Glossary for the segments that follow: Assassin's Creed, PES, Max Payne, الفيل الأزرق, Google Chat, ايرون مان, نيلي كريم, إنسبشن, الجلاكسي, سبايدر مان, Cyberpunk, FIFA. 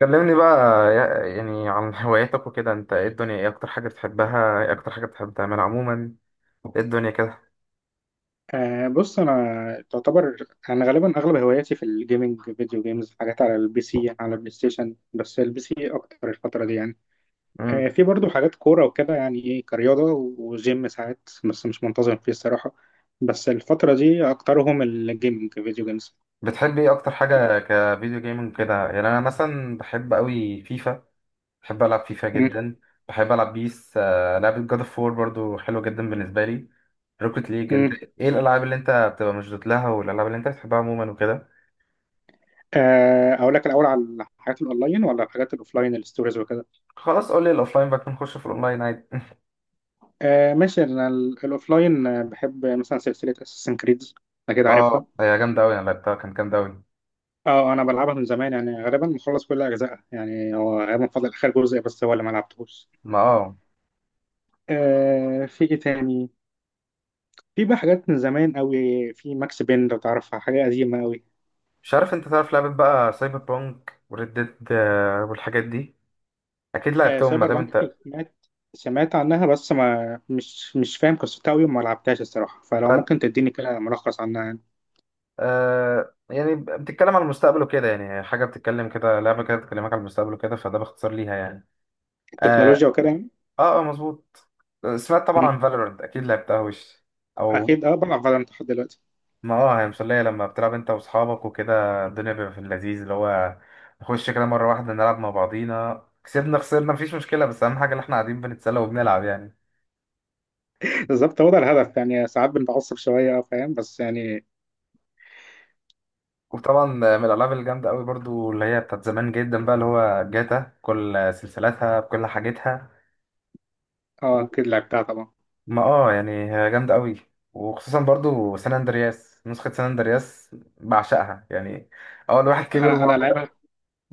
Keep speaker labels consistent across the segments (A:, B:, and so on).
A: كلمني بقى يعني عن هواياتك وكده انت ايه الدنيا، ايه اكتر حاجة بتحبها، ايه اكتر حاجة بتحب تعملها عموما، ايه الدنيا كده.
B: أه، بص انا تعتبر انا غالبا اغلب هواياتي في الجيمنج فيديو جيمز، حاجات على البي سي، على البلاي ستيشن، بس البي سي اكتر الفتره دي يعني. أه
A: امم
B: في برضو حاجات كوره وكده، يعني ايه، كرياضه وجيم ساعات بس مش منتظم فيه الصراحه. بس الفتره دي اكترهم الجيمنج فيديو جيمز.
A: بتحب ايه اكتر حاجة كفيديو جيمنج كده يعني؟ انا مثلا بحب قوي فيفا، بحب العب فيفا
B: م-
A: جدا، بحب العب بيس. لعبة جاد اوف وور برضو حلوة جدا بالنسبة لي، روكيت ليج.
B: م.
A: انت ايه الالعاب اللي انت بتبقى مشدود لها والالعاب اللي انت بتحبها عموما وكده؟
B: أه اقول لك الاول على الحاجات الاونلاين ولا الحاجات الاوفلاين الستوريز وكده؟
A: خلاص قول لي الاوفلاين بقى، نخش في الاونلاين عادي.
B: أه ماشي. انا الاوفلاين بحب مثلا سلسله اساسن كريدز، اكيد
A: اه
B: عارفها.
A: هي جامدة قوي، انا لعبتها كانت جامدة قوي.
B: اه انا بلعبها من زمان، يعني غالبا مخلص كل اجزائها، يعني هو غالبا فاضل اخر جزء بس هو اللي ما لعبتهوش.
A: ما اه،
B: آه، في ايه تاني؟ في بقى حاجات من زمان قوي. في ماكس بين لو تعرفها، حاجه قديمه قوي.
A: مش عارف انت تعرف لعبة بقى سايبر بانك وريد ديد والحاجات دي. اكيد
B: آه
A: لعبتهم ما
B: سايبر
A: دام
B: بانك،
A: انت.
B: سمعت، سمعت عنها بس ما مش مش فاهم قصتها قوي وما لعبتهاش الصراحه، فلو
A: بل...
B: ممكن تديني كده ملخص عنها يعني.
A: آه يعني بتتكلم على المستقبل وكده، يعني حاجة بتتكلم كده، لعبة كده بتكلمك على المستقبل وكده، فده باختصار ليها يعني. اه،
B: التكنولوجيا وكده يعني.
A: مظبوط. سمعت طبعا
B: مم.
A: عن فالورنت، اكيد لعبتها وش او.
B: اكيد اه، بلعب فالورانت لحد دلوقتي.
A: ما اه هي مسلية لما بتلعب انت واصحابك وكده، الدنيا بيبقى في اللذيذ اللي هو نخش كده مرة واحدة نلعب مع بعضينا، كسبنا خسرنا مفيش مشكلة، بس أهم حاجة إن إحنا قاعدين بنتسلى وبنلعب يعني.
B: بالظبط، هو ده الهدف يعني. ساعات بنتعصب شويه اه، فاهم، بس يعني.
A: وطبعا من الالعاب الجامده قوي برضو اللي هي بتاعت زمان جدا بقى اللي هو جاتا، كل سلسلتها بكل حاجتها.
B: اه اكيد لعبتها طبعا.
A: ما اه يعني هي جامده قوي، وخصوصا برضو سان اندرياس، نسخه سان اندرياس بعشقها يعني. اه الواحد كبر
B: انا
A: وبقى،
B: لعبها.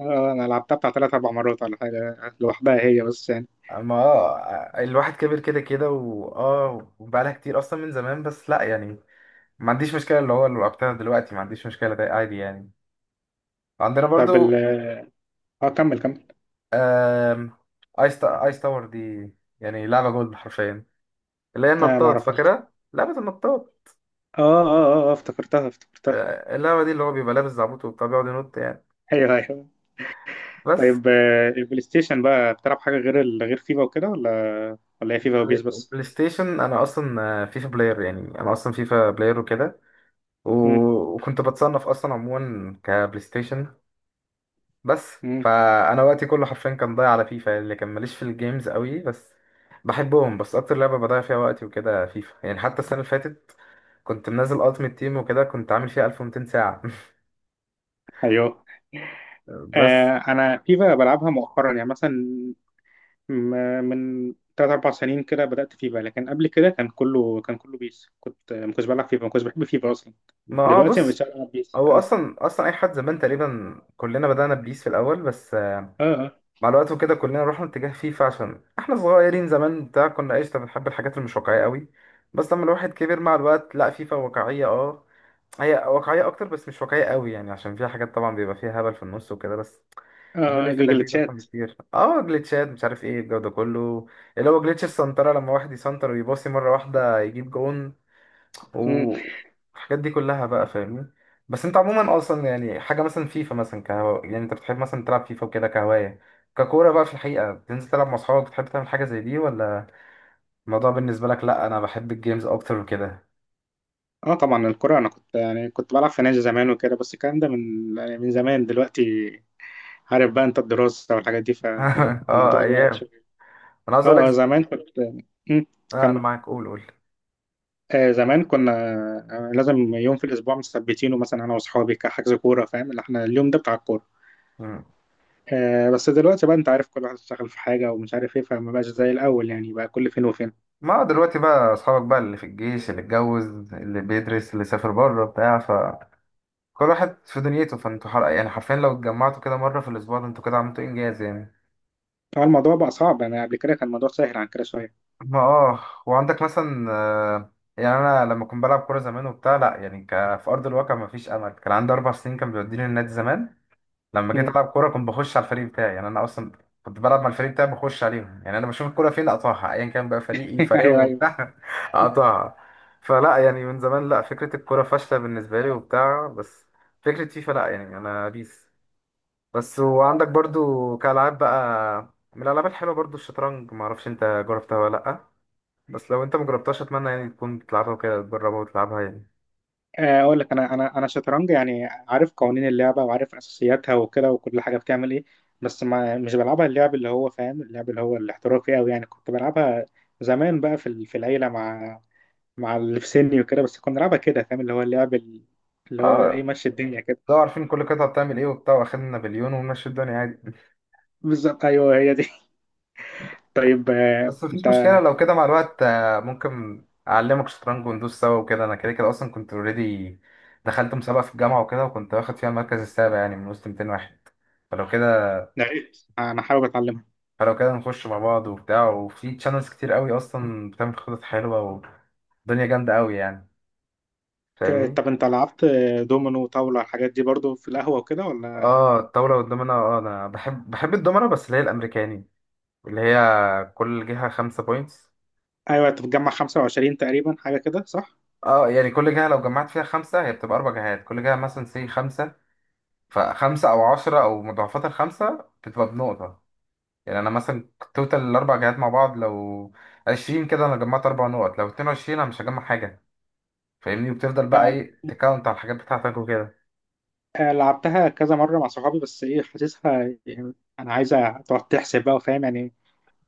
B: آه، انا لعبتها بتاع ثلاث اربع مرات ولا حاجه، لوحدها هي بس يعني.
A: ما اه الواحد كبر كده كده واه، وبقالها كتير اصلا من زمان، بس لا يعني ما عنديش مشكله، اللي هو اللي لعبتها دلوقتي ما عنديش مشكله، ده عادي يعني. عندنا
B: طب ال
A: برضو
B: اه كمل كمل.
A: آم، ايس تاور دي، يعني لعبه جولد حرفيا، اللي هي
B: اه ما
A: النطاط،
B: اعرفهاش.
A: فاكرها لعبة النطاط؟
B: آه، افتكرتها افتكرتها.
A: اللعبة دي اللي هو بيبقى لابس زعبوط وبتاع بيقعد ينط يعني.
B: ايوه ايوه.
A: بس
B: طيب آه، البلاي ستيشن بقى بتلعب حاجه غير غير فيفا وكده، ولا ولا هي فيفا وبيس
A: بلاي
B: بس؟
A: بلاي ستيشن، أنا أصلا فيفا بلاير، يعني أنا أصلا فيفا بلاير وكده،
B: مم.
A: و- وكنت بتصنف أصلا عموما كبلاي ستيشن بس.
B: مم.
A: فأنا وقتي كله حرفيا كان ضايع على فيفا، اللي كان ماليش في الجيمز قوي بس بحبهم، بس أكتر لعبة بضيع فيها وقتي وكده فيفا يعني. حتى السنة اللي فاتت كنت منزل ألتيمت تيم وكده، كنت عامل فيها 1200 ساعة.
B: ايوه.
A: بس
B: آه، انا فيفا بلعبها مؤخرا، يعني مثلا من ثلاث اربع سنين كده بدات فيفا، لكن قبل كده كان كله بيس، ما كنتش بلعب فيفا، ما كنتش بحب فيفا اصلا.
A: ما اه
B: دلوقتي ما بقتش
A: بص،
B: العب بيس
A: هو
B: اه.
A: اصلا اي حد زمان تقريبا كلنا بدأنا ببيس في الاول، بس
B: اه آه.
A: مع الوقت وكده كلنا رحنا اتجاه فيفا عشان احنا صغيرين زمان بتاع كنا قشطة بنحب الحاجات اللي مش واقعية قوي. بس لما الواحد كبر مع الوقت لا، فيفا واقعية اه، هي واقعية اكتر، بس مش واقعية قوي يعني، عشان فيها حاجات طبعا بيبقى فيها هبل في النص وكده بس. الدنيا
B: اه
A: في
B: جوجل
A: اللذيذ احسن
B: تشات.
A: بكتير. اه جليتشات، مش عارف ايه الجو ده كله، اللي هو جليتش السنترة، لما واحد يسنتر ويباصي مرة واحدة يجيب جون،
B: مم.
A: والحاجات دي كلها بقى، فاهمني؟ بس انت عموما اصلا يعني حاجه مثلا فيفا مثلا يعني انت بتحب مثلا تلعب فيفا وكده كهوايه، ككوره بقى في الحقيقه بتنزل تلعب مع اصحابك؟ بتحب تعمل حاجه زي دي ولا الموضوع بالنسبه لك لا انا بحب الجيمز اكتر وكده؟
B: اه طبعا الكرة، انا كنت يعني كنت بلعب في نادي زمان وكده، بس الكلام ده من، يعني من زمان. دلوقتي عارف بقى انت، الدراسة والحاجات دي،
A: اه
B: فالموضوع بعد
A: ايام.
B: شوية.
A: انا عايز اقول
B: اه اه
A: لك،
B: زمان كنت. مم.
A: آه انا
B: كمل.
A: معاك، قول قول.
B: آه زمان كنا، آه لازم يوم في الاسبوع مثبتينه، مثلا انا واصحابي كحجز كورة، فاهم اللي احنا اليوم ده بتاع الكورة.
A: مم.
B: آه بس دلوقتي بقى انت عارف، كل واحد اشتغل في حاجة ومش عارف ايه، فما بقاش زي الاول يعني، بقى كل فين وفين.
A: ما هو دلوقتي بقى اصحابك بقى اللي في الجيش، اللي اتجوز، اللي بيدرس، اللي سافر بره بتاع، فكل واحد في دنيته، يعني حرفيا لو اتجمعتوا كده مره في الاسبوع، ده انتوا كده عملتوا انجاز يعني.
B: طبعا الموضوع بقى صعب، انا قبل كده كان الموضوع سهل عن كده شوية.
A: ما اه، وعندك مثلا يعني انا لما كنت بلعب كوره زمان وبتاع لا يعني في ارض الواقع ما فيش امل. كان عندي اربع سنين كان بيوديني النادي زمان، لما جيت
B: مم.
A: العب كوره كنت بخش على الفريق بتاعي يعني، انا اصلا كنت بلعب مع الفريق بتاعي بخش عليهم، يعني انا بشوف الكوره فين اقطعها، ايا كان بقى فريقي فريقهم
B: ايوه ايوه.
A: وبتاع اقطعها. فلا يعني من زمان لا، فكره الكوره فاشله بالنسبه لي وبتاع، بس فكره فيفا لا يعني، انا بيس بس. وعندك برضو كالعاب بقى، من الالعاب الحلوه برضو الشطرنج، ما اعرفش انت جربتها ولا لا، بس لو انت مجربتهاش اتمنى يعني تكون بتلعبها كده، تجربها وتلعبها يعني.
B: آه، اقول لك انا، انا شطرنج يعني عارف قوانين اللعبه وعارف اساسياتها وكده، وكل حاجه بتعمل ايه. بس ما مش بلعبها اللعب اللي هو فاهم، اللعب اللي هو الاحترافي قوي يعني. كنت بلعبها زمان بقى في في العيله، مع مع اللي في سني وكده، بس كنا بنلعبها كده فاهم، اللي هو اللعب اللي هو ايه،
A: اه
B: ماشي الدنيا كده.
A: لو عارفين كل قطعة بتعمل ايه وبتاع، واخدنا نابليون ومشي الدنيا عادي.
B: بالظبط، ايوه هي دي. طيب آه،
A: بس مفيش
B: انت،
A: مشكلة، لو كده مع الوقت ممكن أعلمك شطرنج وندوس سوا وكده. أنا كده كده أصلا كنت اوريدي، دخلت مسابقة في الجامعة وكده، وكنت واخد فيها المركز السابع يعني من وسط 200 واحد. فلو كده
B: يا ريت انا حابب اتعلمها.
A: فلو كده نخش مع بعض وبتاع، وفي تشانلز كتير قوي أصلا بتعمل خطط حلوة، والدنيا جامدة قوي يعني،
B: آه،
A: فاهمني؟
B: طب انت لعبت آه، دومينو وطاوله، الحاجات دي برضو في القهوه وكده ولا؟
A: اه الطاولة والدومينة، اه أنا بحب الدومينة بس اللي هي الأمريكاني، اللي هي كل جهة خمسة بوينتس.
B: ايوه انت بتجمع 25 تقريبا حاجه كده صح؟
A: اه يعني كل جهة لو جمعت فيها خمسة، هي بتبقى أربع جهات، كل جهة مثلا سي خمسة، فخمسة أو عشرة أو مضاعفات الخمسة بتبقى بنقطة، يعني أنا مثلا توتال الأربع جهات مع بعض لو عشرين كده أنا جمعت أربع نقط، لو اتنين وعشرين أنا مش هجمع حاجة، فاهمني؟ وبتفضل بقى إيه تكاونت على الحاجات بتاعتك وكده.
B: آه، لعبتها كذا مرة مع صحابي، بس ايه، حاسسها يعني انا عايزة تقعد تحسب بقى، وفاهم يعني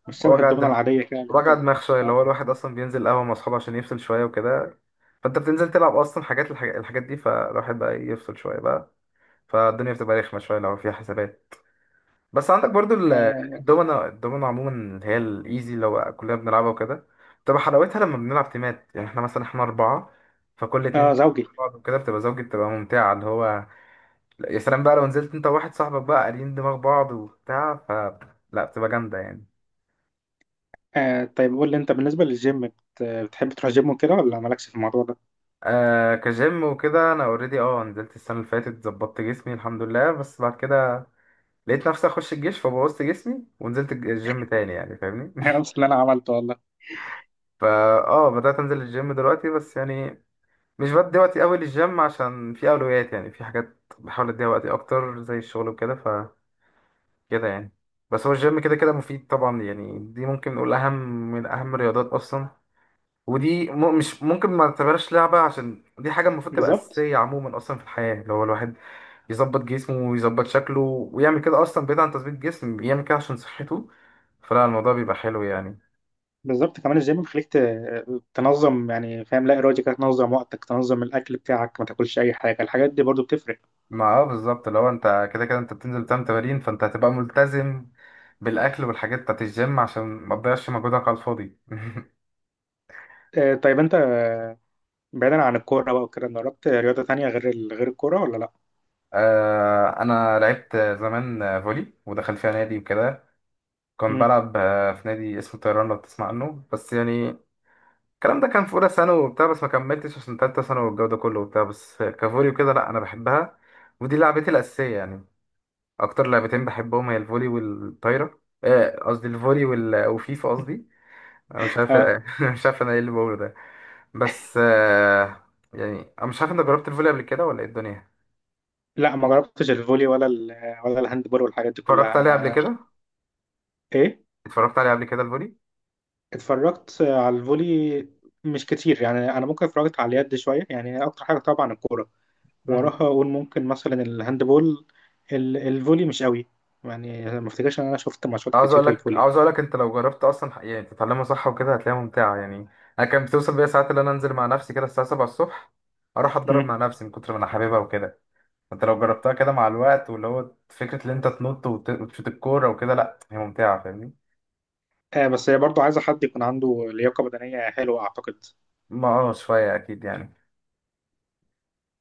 B: مش شبه
A: وجع
B: الدومنة
A: الدم،
B: العادية كده اللي انت
A: وجع
B: اه.
A: دماغ شوية، اللي هو الواحد أصلا بينزل قهوة مع أصحابه عشان يفصل شوية وكده، فأنت بتنزل تلعب أصلا حاجات الحاجات الحاجات دي، فالواحد بقى إيه، يفصل شوية بقى، فالدنيا بتبقى رخمة شوية لو فيها حسابات. بس عندك برضو
B: آه،
A: الدومنة عموما اللي هي الإيزي لو كلنا بنلعبها وكده، بتبقى حلاوتها لما بنلعب تيمات، يعني احنا مثلا احنا أربعة فكل اتنين
B: آه، زوجي.
A: بعض وكده بتبقى زوجي، بتبقى ممتعة اللي هو لا، يا سلام بقى لو نزلت انت وواحد صاحبك بقى قاريين دماغ بعض وبتاع، ف لا بتبقى جامدة يعني.
B: آه طيب قول لي، انت بالنسبة للجيم بتحب تروح جيم وكده، ولا مالكش في الموضوع ده؟
A: آه كجيم وكده انا اوريدي اه نزلت السنة اللي فاتت، ظبطت جسمي الحمد لله، بس بعد كده لقيت نفسي اخش الجيش فبوظت جسمي، ونزلت الجيم تاني يعني، فاهمني؟
B: نفس اللي انا عملته والله.
A: فا اه بدأت انزل الجيم دلوقتي بس يعني، مش بدي وقتي قوي للجيم عشان في اولويات، يعني في حاجات بحاول اديها وقتي اكتر زي الشغل وكده، فكده يعني. بس هو الجيم كده كده مفيد طبعا يعني، دي ممكن نقول اهم من اهم الرياضات اصلا، ودي مش ممكن ما تعتبرش لعبة، عشان دي حاجة المفروض تبقى
B: بالظبط.
A: أساسية عموما أصلا في الحياة، اللي هو الواحد يظبط جسمه ويظبط شكله ويعمل كده، أصلا بعيد عن تظبيط جسم يعمل كده عشان صحته، فلا الموضوع بيبقى حلو يعني.
B: بالظبط، كمان الجيم تنظم، يعني فاهم لا إرادي كده تنظم وقتك، تنظم الأكل بتاعك، ما تاكلش أي حاجة، الحاجات دي برضو بتفرق.
A: ما اه بالظبط، لو انت كده كده انت بتنزل تعمل تمارين فانت هتبقى ملتزم بالاكل والحاجات بتاعت الجيم عشان ما تضيعش مجهودك على الفاضي.
B: آه طيب انت، بعيدا عن الكورة بقى وكده، جربت رياضة تانية غير غير الكورة ولا لا؟
A: انا لعبت زمان فولي، ودخل فيها نادي وكده، كنت
B: مم.
A: بلعب في نادي اسمه طيران لو تسمع عنه بس يعني. الكلام ده كان في اولى ثانوي وبتاع، بس ما كملتش عشان تالتة ثانوي والجو ده كله وبتاع، بس كفولي وكده لا انا بحبها، ودي لعبتي الاساسيه يعني. اكتر لعبتين بحبهم هي الفولي والطايره قصدي الفولي وفيفا قصدي، انا مش عارف، أنا مش عارف انا ايه اللي بقوله ده. بس يعني انا مش عارف انت جربت الفولي قبل كده ولا ايه الدنيا؟
B: لا ما جربتش الفولي ولا ولا الهاند بول والحاجات دي
A: اتفرجت
B: كلها
A: عليه قبل
B: انا.
A: كده،
B: ايه،
A: اتفرجت عليه قبل كده الفولي.
B: اتفرجت على الفولي مش كتير، يعني انا ممكن اتفرجت على اليد شويه، يعني اكتر حاجه طبعا الكوره،
A: امم
B: وراها اقول ممكن مثلا الهاند بول. الفولي مش قوي يعني، ما افتكرش ان انا شفت ماتشات
A: عاوز
B: كتير
A: اقول لك،
B: للفولي.
A: عاوز اقول لك انت لو جربت اصلا يعني تتعلمها صح وكده، هتلاقيها ممتعه يعني. انا كان بتوصل بيا ساعات اللي انا انزل مع نفسي كده الساعه 7 الصبح، اروح اتدرب
B: مم.
A: مع نفسي من كتر ما انا حاببها وكده. انت لو جربتها كده مع الوقت، واللي هو فكره ان انت تنط وتشوت الكوره وكده، لا هي ممتعه فاهمني؟
B: آه بس هي برضه عايزه حد يكون عنده لياقه بدنيه حلوه اعتقد.
A: ما اه شويه اكيد يعني.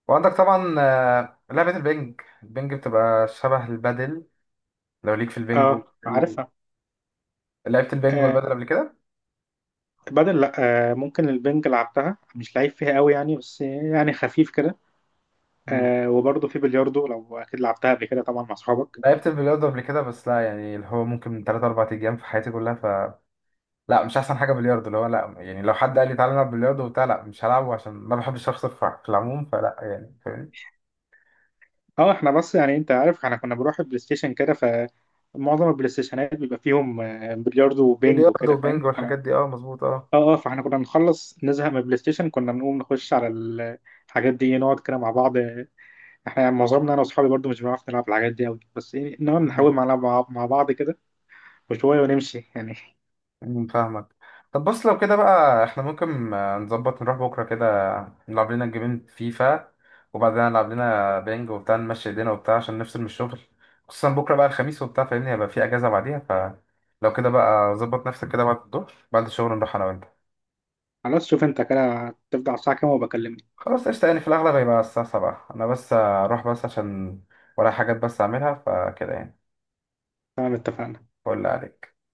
A: وعندك طبعا لعبة البنج، البنج بتبقى شبه البادل، لو ليك في البنج
B: اه عارفها.
A: لعبت البنج
B: آه
A: والبادل قبل كده؟
B: بدل لا. آه ممكن البنج لعبتها، مش لعيب فيها قوي يعني، بس يعني خفيف كده.
A: مم.
B: آه وبرضه في بلياردو، لو اكيد لعبتها قبل كده طبعا مع اصحابك.
A: لعبت البلياردو قبل كده بس لا يعني، اللي هو ممكن من 3 4 ايام في حياتي كلها، ف لا مش احسن حاجة بلياردو، اللي هو لا يعني لو حد قال لي تعالى نلعب بلياردو وبتاع لا مش هلعبه، عشان ما بحبش اخسر في العموم، فلا يعني فاهمني.
B: اه احنا بس يعني انت عارف، احنا كنا بنروح بلاي ستيشن كده، فمعظم البلاي ستيشنات بيبقى فيهم آه، بلياردو وبينج
A: بلياردو
B: وكده فاهم
A: وبنج
B: احنا.
A: والحاجات دي، اه مظبوط.
B: اه اه، فاحنا كنا نخلص نزهق من البلاي ستيشن، كنا بنقوم نخش على الحاجات دي إيه، نقعد كده مع بعض آه، احنا يعني معظمنا انا واصحابي برضه مش بنعرف نلعب الحاجات دي قوي، بس ايه، نقعد
A: اه
B: نحاول مع بعض كده، وشويه ونمشي يعني.
A: مم، فاهمك. طب بص لو كده بقى، احنا ممكن نظبط نروح بكرة كده، نلعب لنا جيمين فيفا، وبعدين نلعب لنا بينج وبتاع، نمشي ايدينا وبتاع عشان نفصل من الشغل، خصوصا بكرة بقى الخميس وبتاع فاهمني، هيبقى في اجازة بعديها. فلو كده بقى ظبط نفسك كده بعد الظهر بعد الشغل، نروح انا وانت.
B: خلاص شوف انت كده تبدأ على الساعه كام وبكلمني.
A: خلاص قشطة، يعني في الأغلب هيبقى الساعة 7 أنا بس، أروح بس عشان ورايا حاجات بس أعملها، فكده يعني.
B: تمام اتفقنا.
A: فل عليك.